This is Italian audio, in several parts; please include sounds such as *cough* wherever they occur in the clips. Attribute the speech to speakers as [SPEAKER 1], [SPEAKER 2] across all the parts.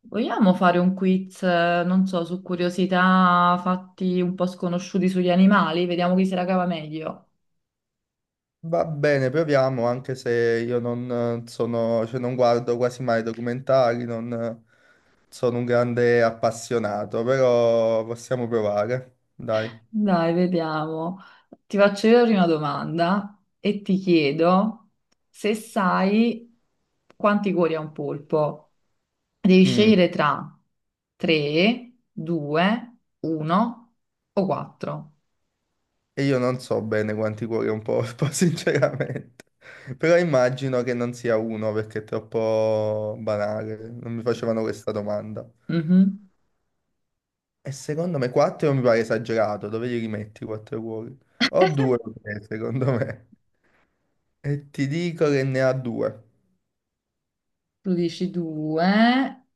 [SPEAKER 1] Vogliamo fare un quiz, non so, su curiosità, fatti un po' sconosciuti sugli animali? Vediamo chi se la cava meglio.
[SPEAKER 2] Va bene, proviamo, anche se io non sono, cioè non guardo quasi mai documentari, non sono un grande appassionato, però possiamo provare, dai.
[SPEAKER 1] Dai, vediamo. Ti faccio io la prima domanda e ti chiedo se sai quanti cuori ha un polpo. Devi
[SPEAKER 2] Mm,
[SPEAKER 1] scegliere tra 3, 2, 1 o 4.
[SPEAKER 2] e io non so bene quanti cuori ho un porpo, *laughs* sinceramente, però immagino che non sia uno perché è troppo banale, non mi facevano questa domanda.
[SPEAKER 1] Mhm.
[SPEAKER 2] E secondo me 4 mi pare esagerato, dove li rimetti 4 cuori? O 2, secondo me. E ti dico che ne ha 2.
[SPEAKER 1] Tu dici 2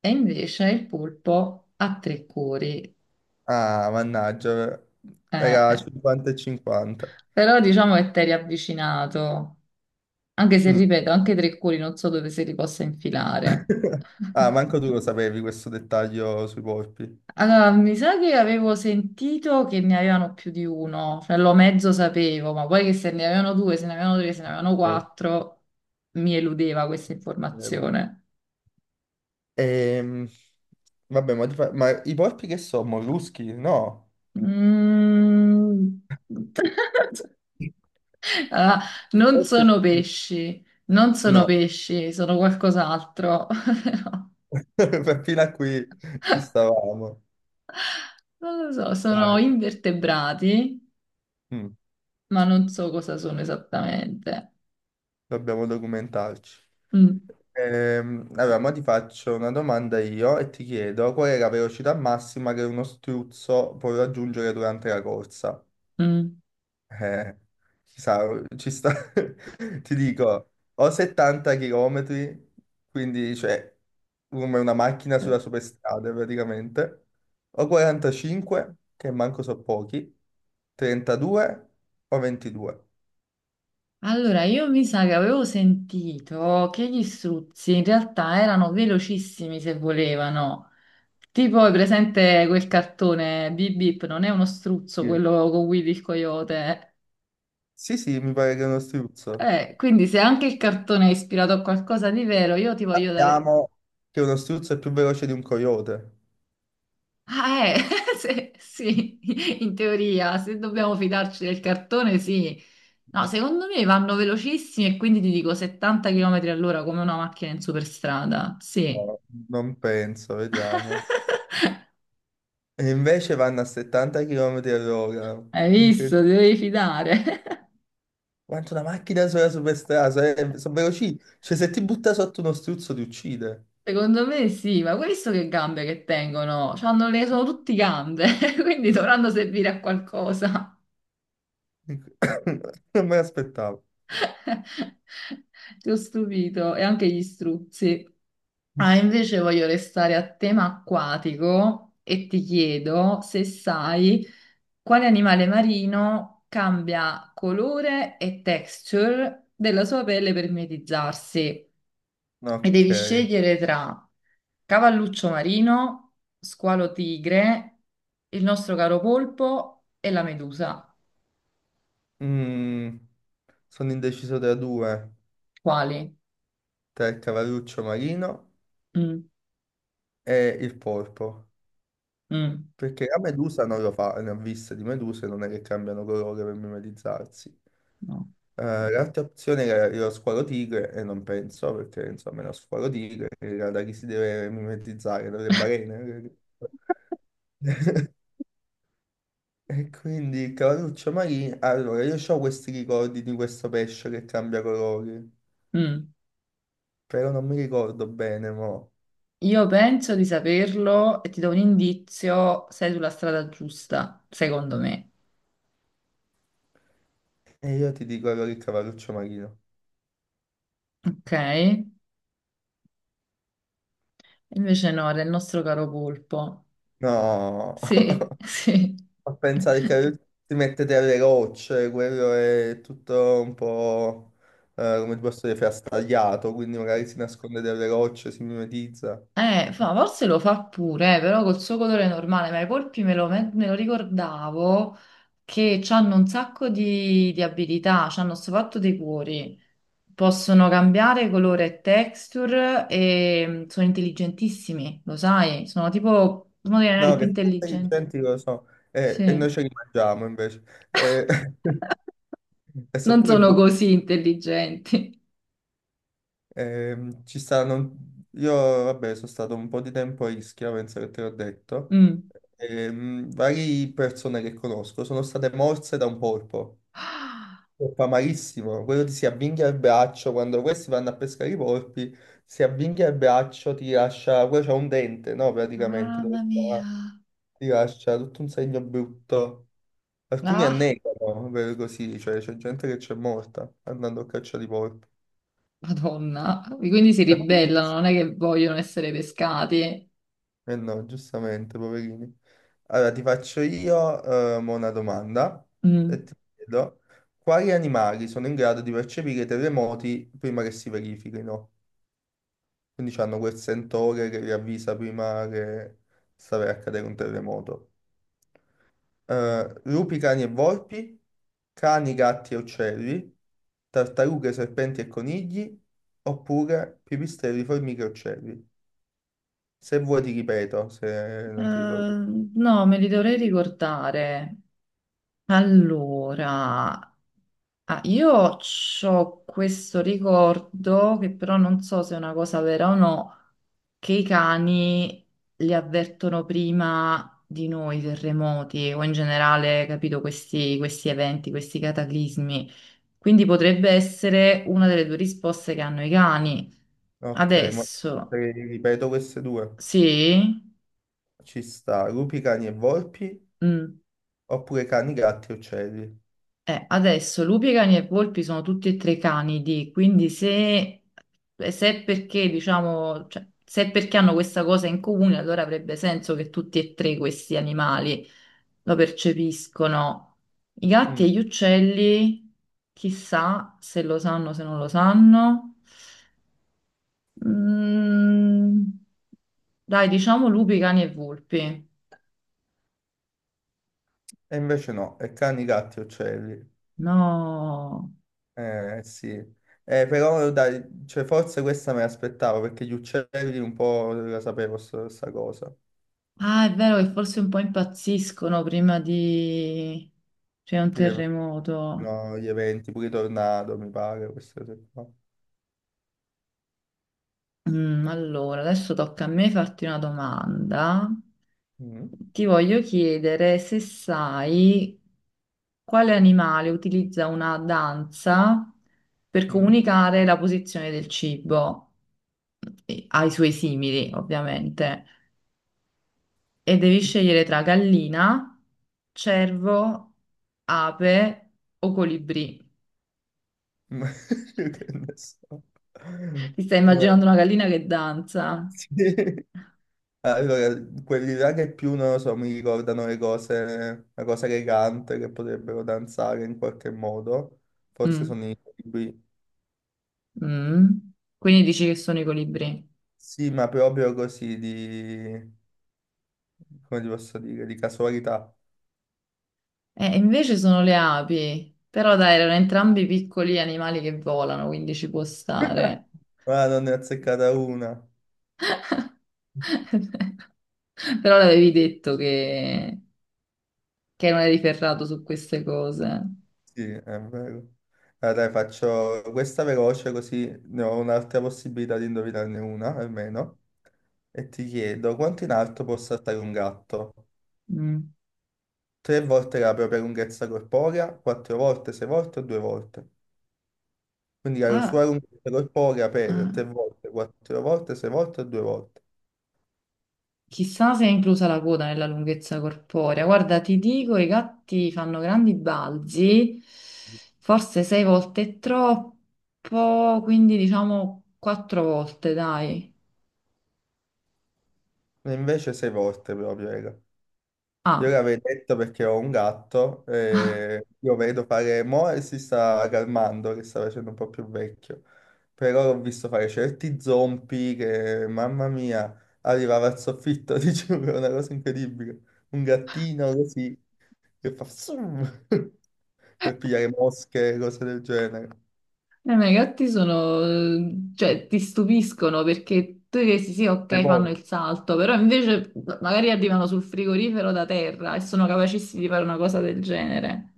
[SPEAKER 1] e invece il polpo ha 3 cuori.
[SPEAKER 2] Ah, mannaggia,
[SPEAKER 1] Eh,
[SPEAKER 2] era
[SPEAKER 1] eh,
[SPEAKER 2] 50 e 50.
[SPEAKER 1] Però diciamo che t'eri avvicinato, anche se
[SPEAKER 2] Mm.
[SPEAKER 1] ripeto, anche tre cuori non so dove se li possa infilare.
[SPEAKER 2] *laughs* Ah, manco tu lo sapevi questo dettaglio sui polpi.
[SPEAKER 1] Allora, mi sa che avevo sentito che ne avevano più di uno, cioè lo mezzo sapevo, ma poi che se ne avevano due, se ne avevano tre, se ne avevano
[SPEAKER 2] Eh,
[SPEAKER 1] quattro, mi eludeva questa
[SPEAKER 2] vero.
[SPEAKER 1] informazione.
[SPEAKER 2] Ehm, Vabbè, ma, ma i polpi che sono? Molluschi? No.
[SPEAKER 1] Mm. *laughs* Ah, non
[SPEAKER 2] Forse
[SPEAKER 1] sono
[SPEAKER 2] sì.
[SPEAKER 1] pesci, non sono
[SPEAKER 2] No,
[SPEAKER 1] pesci, sono qualcos'altro. *laughs*
[SPEAKER 2] *laughs* fino a qui ci stavamo.
[SPEAKER 1] Non lo so, sono
[SPEAKER 2] Vai.
[SPEAKER 1] invertebrati,
[SPEAKER 2] Mm.
[SPEAKER 1] ma non so cosa sono esattamente.
[SPEAKER 2] Dobbiamo documentarci.
[SPEAKER 1] Mm,
[SPEAKER 2] Allora, ma ti faccio una domanda io e ti chiedo qual è la velocità massima che uno struzzo può raggiungere durante la corsa?
[SPEAKER 1] mm.
[SPEAKER 2] Eh, ci sta, *laughs* ti dico, o 70 km, quindi cioè come una macchina sulla superstrada praticamente, o 45, che manco so pochi, 32 o 22.
[SPEAKER 1] Allora, io mi sa che avevo sentito che gli struzzi in realtà erano velocissimi se volevano. Tipo, è presente quel cartone Bip Bip, non è uno struzzo
[SPEAKER 2] Sì,
[SPEAKER 1] quello con Willy il coyote?
[SPEAKER 2] sì, sì, mi pare che è uno struzzo.
[SPEAKER 1] Quindi se anche il cartone è ispirato a qualcosa di vero, io ti voglio dare.
[SPEAKER 2] Sappiamo che uno struzzo è più veloce di un coyote.
[SPEAKER 1] Ah, *laughs* sì, in teoria, se dobbiamo fidarci del cartone, sì. No, secondo me vanno velocissimi e quindi ti dico 70 km all'ora, come una macchina in superstrada. Sì,
[SPEAKER 2] No, non penso, vediamo. E invece vanno a 70 km all'ora.
[SPEAKER 1] hai visto,
[SPEAKER 2] Incredibile.
[SPEAKER 1] ti devi fidare.
[SPEAKER 2] Quanto una macchina sola superstrada, sono veloci. Cioè, se ti butta sotto uno struzzo ti uccide.
[SPEAKER 1] *laughs* Secondo me sì, ma hai visto che gambe che tengono? Sono tutti gambe, *laughs* quindi dovranno servire a qualcosa.
[SPEAKER 2] Inc- *coughs* Non me l'aspettavo.
[SPEAKER 1] *laughs* Ti ho stupito, e anche gli struzzi. Ah, invece voglio restare a tema acquatico e ti chiedo se sai quale animale marino cambia colore e texture della sua pelle per mimetizzarsi.
[SPEAKER 2] No,
[SPEAKER 1] E devi
[SPEAKER 2] ok.
[SPEAKER 1] scegliere tra cavalluccio marino, squalo tigre, il nostro caro polpo e la medusa.
[SPEAKER 2] Mm, sono indeciso tra due.
[SPEAKER 1] Quali?
[SPEAKER 2] Tra il cavalluccio marino
[SPEAKER 1] Mm,
[SPEAKER 2] e il polpo.
[SPEAKER 1] mm,
[SPEAKER 2] Perché la medusa non lo fa, ne ho viste di meduse, non è che cambiano colore per mimetizzarsi.
[SPEAKER 1] no.
[SPEAKER 2] L'altra opzione era lo squalo tigre, e non penso, perché insomma lo squalo tigre era da chi si deve mimetizzare, dalle balene. *laughs* E quindi il cavalluccio marino, allora io ho questi ricordi di questo pesce che cambia colori,
[SPEAKER 1] Mm.
[SPEAKER 2] però non mi ricordo bene, mo.
[SPEAKER 1] Io penso di saperlo e ti do un indizio, sei sulla strada giusta, secondo me.
[SPEAKER 2] E io ti dico allora il cavalluccio marino.
[SPEAKER 1] Ok? Invece no, era il nostro caro polpo.
[SPEAKER 2] No!
[SPEAKER 1] Sì,
[SPEAKER 2] *laughs*
[SPEAKER 1] *laughs* sì.
[SPEAKER 2] A pensare che lui si mette delle rocce, quello è tutto un po', come ti posso dire, frastagliato, quindi magari si nasconde delle rocce, si mimetizza.
[SPEAKER 1] Forse lo fa pure, però col suo colore normale, ma i polpi me lo ricordavo che hanno un sacco di abilità, hanno sto fatto dei cuori, possono cambiare colore e texture e sono intelligentissimi, lo sai, sono tipo uno degli animali
[SPEAKER 2] No,
[SPEAKER 1] più
[SPEAKER 2] che sono
[SPEAKER 1] intelligenti.
[SPEAKER 2] intelligenti lo so, e noi
[SPEAKER 1] Sì,
[SPEAKER 2] ce li mangiamo invece. Eh, *laughs* e so
[SPEAKER 1] non
[SPEAKER 2] pure
[SPEAKER 1] sono
[SPEAKER 2] buono.
[SPEAKER 1] così intelligenti. *laughs*
[SPEAKER 2] Ci stanno... Io, vabbè, sono stato un po' di tempo a Ischia, penso che te l'ho detto.
[SPEAKER 1] Mm.
[SPEAKER 2] Varie persone che conosco sono state morse da un polpo.
[SPEAKER 1] Ah,
[SPEAKER 2] Lo fa malissimo, quello ti si avvinghia il braccio, quando questi vanno a pescare i porpi, si avvinghia il braccio, ti lascia, quello c'ha un dente, no, praticamente,
[SPEAKER 1] mamma mia.
[SPEAKER 2] ti lascia tutto un segno brutto. Alcuni
[SPEAKER 1] Ah,
[SPEAKER 2] annegano, per così, cioè c'è gente che c'è morta andando a caccia di porpi.
[SPEAKER 1] Madonna. Quindi si ribellano, non è che vogliono essere pescati.
[SPEAKER 2] Eh no, giustamente, poverini. Allora, ti faccio io mo una domanda e
[SPEAKER 1] Mm.
[SPEAKER 2] ti chiedo, quali animali sono in grado di percepire i terremoti prima che si verifichino? Quindi hanno quel sensore che vi avvisa prima che sta per accadere un terremoto. Lupi, cani e volpi, cani, gatti e uccelli, tartarughe, serpenti e conigli, oppure pipistrelli, formiche e uccelli. Se vuoi ti ripeto, se
[SPEAKER 1] Eh,
[SPEAKER 2] non ti ricordi.
[SPEAKER 1] no, me li dovrei ricordare. Allora, io ho questo ricordo che però non so se è una cosa vera o no, che i cani li avvertono prima di noi, i terremoti o in generale, capito, questi eventi, questi cataclismi. Quindi potrebbe essere una delle due risposte che hanno i cani.
[SPEAKER 2] Ok, ma te
[SPEAKER 1] Adesso,
[SPEAKER 2] le ripeto queste due.
[SPEAKER 1] sì?
[SPEAKER 2] Ci sta lupi, cani e volpi,
[SPEAKER 1] Mm.
[SPEAKER 2] oppure cani, gatti e uccelli.
[SPEAKER 1] Adesso lupi, cani e volpi sono tutti e tre canidi, quindi se è perché, diciamo, cioè, se è perché hanno questa cosa in comune, allora avrebbe senso che tutti e tre questi animali lo percepiscono. I gatti
[SPEAKER 2] Mm,
[SPEAKER 1] e gli uccelli, chissà se lo sanno, se non lo sanno. Mm, dai, diciamo lupi, cani e volpi.
[SPEAKER 2] e invece no, è cani, gatti e uccelli.
[SPEAKER 1] No.
[SPEAKER 2] Eh sì, eh, però dai, cioè, forse questa me l'aspettavo perché gli uccelli un po' la sapevo sta cosa,
[SPEAKER 1] Ah, è vero che forse un po' impazziscono prima di c'è un
[SPEAKER 2] dire,
[SPEAKER 1] terremoto.
[SPEAKER 2] no, gli eventi, pure i tornado mi pare, queste cose qua.
[SPEAKER 1] Allora, adesso tocca a me farti una domanda.
[SPEAKER 2] Mm,
[SPEAKER 1] Ti voglio chiedere se sai quale animale utilizza una danza per
[SPEAKER 2] mm. *laughs*
[SPEAKER 1] comunicare la posizione del cibo ai suoi simili, ovviamente. E devi scegliere tra gallina, cervo, ape o colibrì.
[SPEAKER 2] Ma io che ne so.
[SPEAKER 1] Ti stai
[SPEAKER 2] Eh,
[SPEAKER 1] immaginando una gallina che danza?
[SPEAKER 2] sì. Allora, quelli là che più, non lo so, mi ricordano le cose, la cosa elegante che potrebbero danzare in qualche modo, forse
[SPEAKER 1] Mm,
[SPEAKER 2] sono i libri,
[SPEAKER 1] mm. Quindi dici che sono i colibri.
[SPEAKER 2] sì, ma proprio così di... come ti posso dire, di casualità.
[SPEAKER 1] Invece sono le api. Però dai, erano entrambi piccoli animali che volano, quindi ci può stare.
[SPEAKER 2] *laughs* Ma non ne ho azzeccata una.
[SPEAKER 1] *laughs* Però l'avevi detto che, non eri ferrato su queste cose.
[SPEAKER 2] Sì, è vero. Allora, dai, faccio questa veloce così ne ho un'altra possibilità di indovinarne una, almeno. E ti chiedo, quanto in alto può saltare un gatto?
[SPEAKER 1] Mm.
[SPEAKER 2] Tre volte la propria lunghezza corporea, quattro volte, sei volte o due volte? Quindi la sua
[SPEAKER 1] Ah,
[SPEAKER 2] lunghezza corporea per
[SPEAKER 1] ah.
[SPEAKER 2] tre volte, quattro volte, sei volte o due volte?
[SPEAKER 1] Chissà se è inclusa la coda nella lunghezza corporea. Guarda, ti dico, i gatti fanno grandi balzi, forse sei volte è troppo, quindi diciamo quattro volte, dai.
[SPEAKER 2] E invece sei volte proprio, raga. Io
[SPEAKER 1] Ah,
[SPEAKER 2] l'avevo detto perché ho un gatto e io vedo fare, mo e si sta calmando, che sta facendo un po' più vecchio, però l'ho visto fare certi zompi che, mamma mia, arrivava al soffitto, *laughs* ti giuro, è una cosa incredibile. Un gattino così che fa zoom *laughs* per pigliare mosche, cose del genere.
[SPEAKER 1] ma i gatti sono, cioè, ti stupiscono perché tu dici sì,
[SPEAKER 2] E
[SPEAKER 1] ok, fanno
[SPEAKER 2] poi
[SPEAKER 1] il salto, però invece magari arrivano sul frigorifero da terra e sono capacissimi di fare una cosa del genere.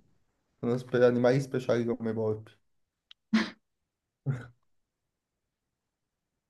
[SPEAKER 2] sono animali speciali come i porpi.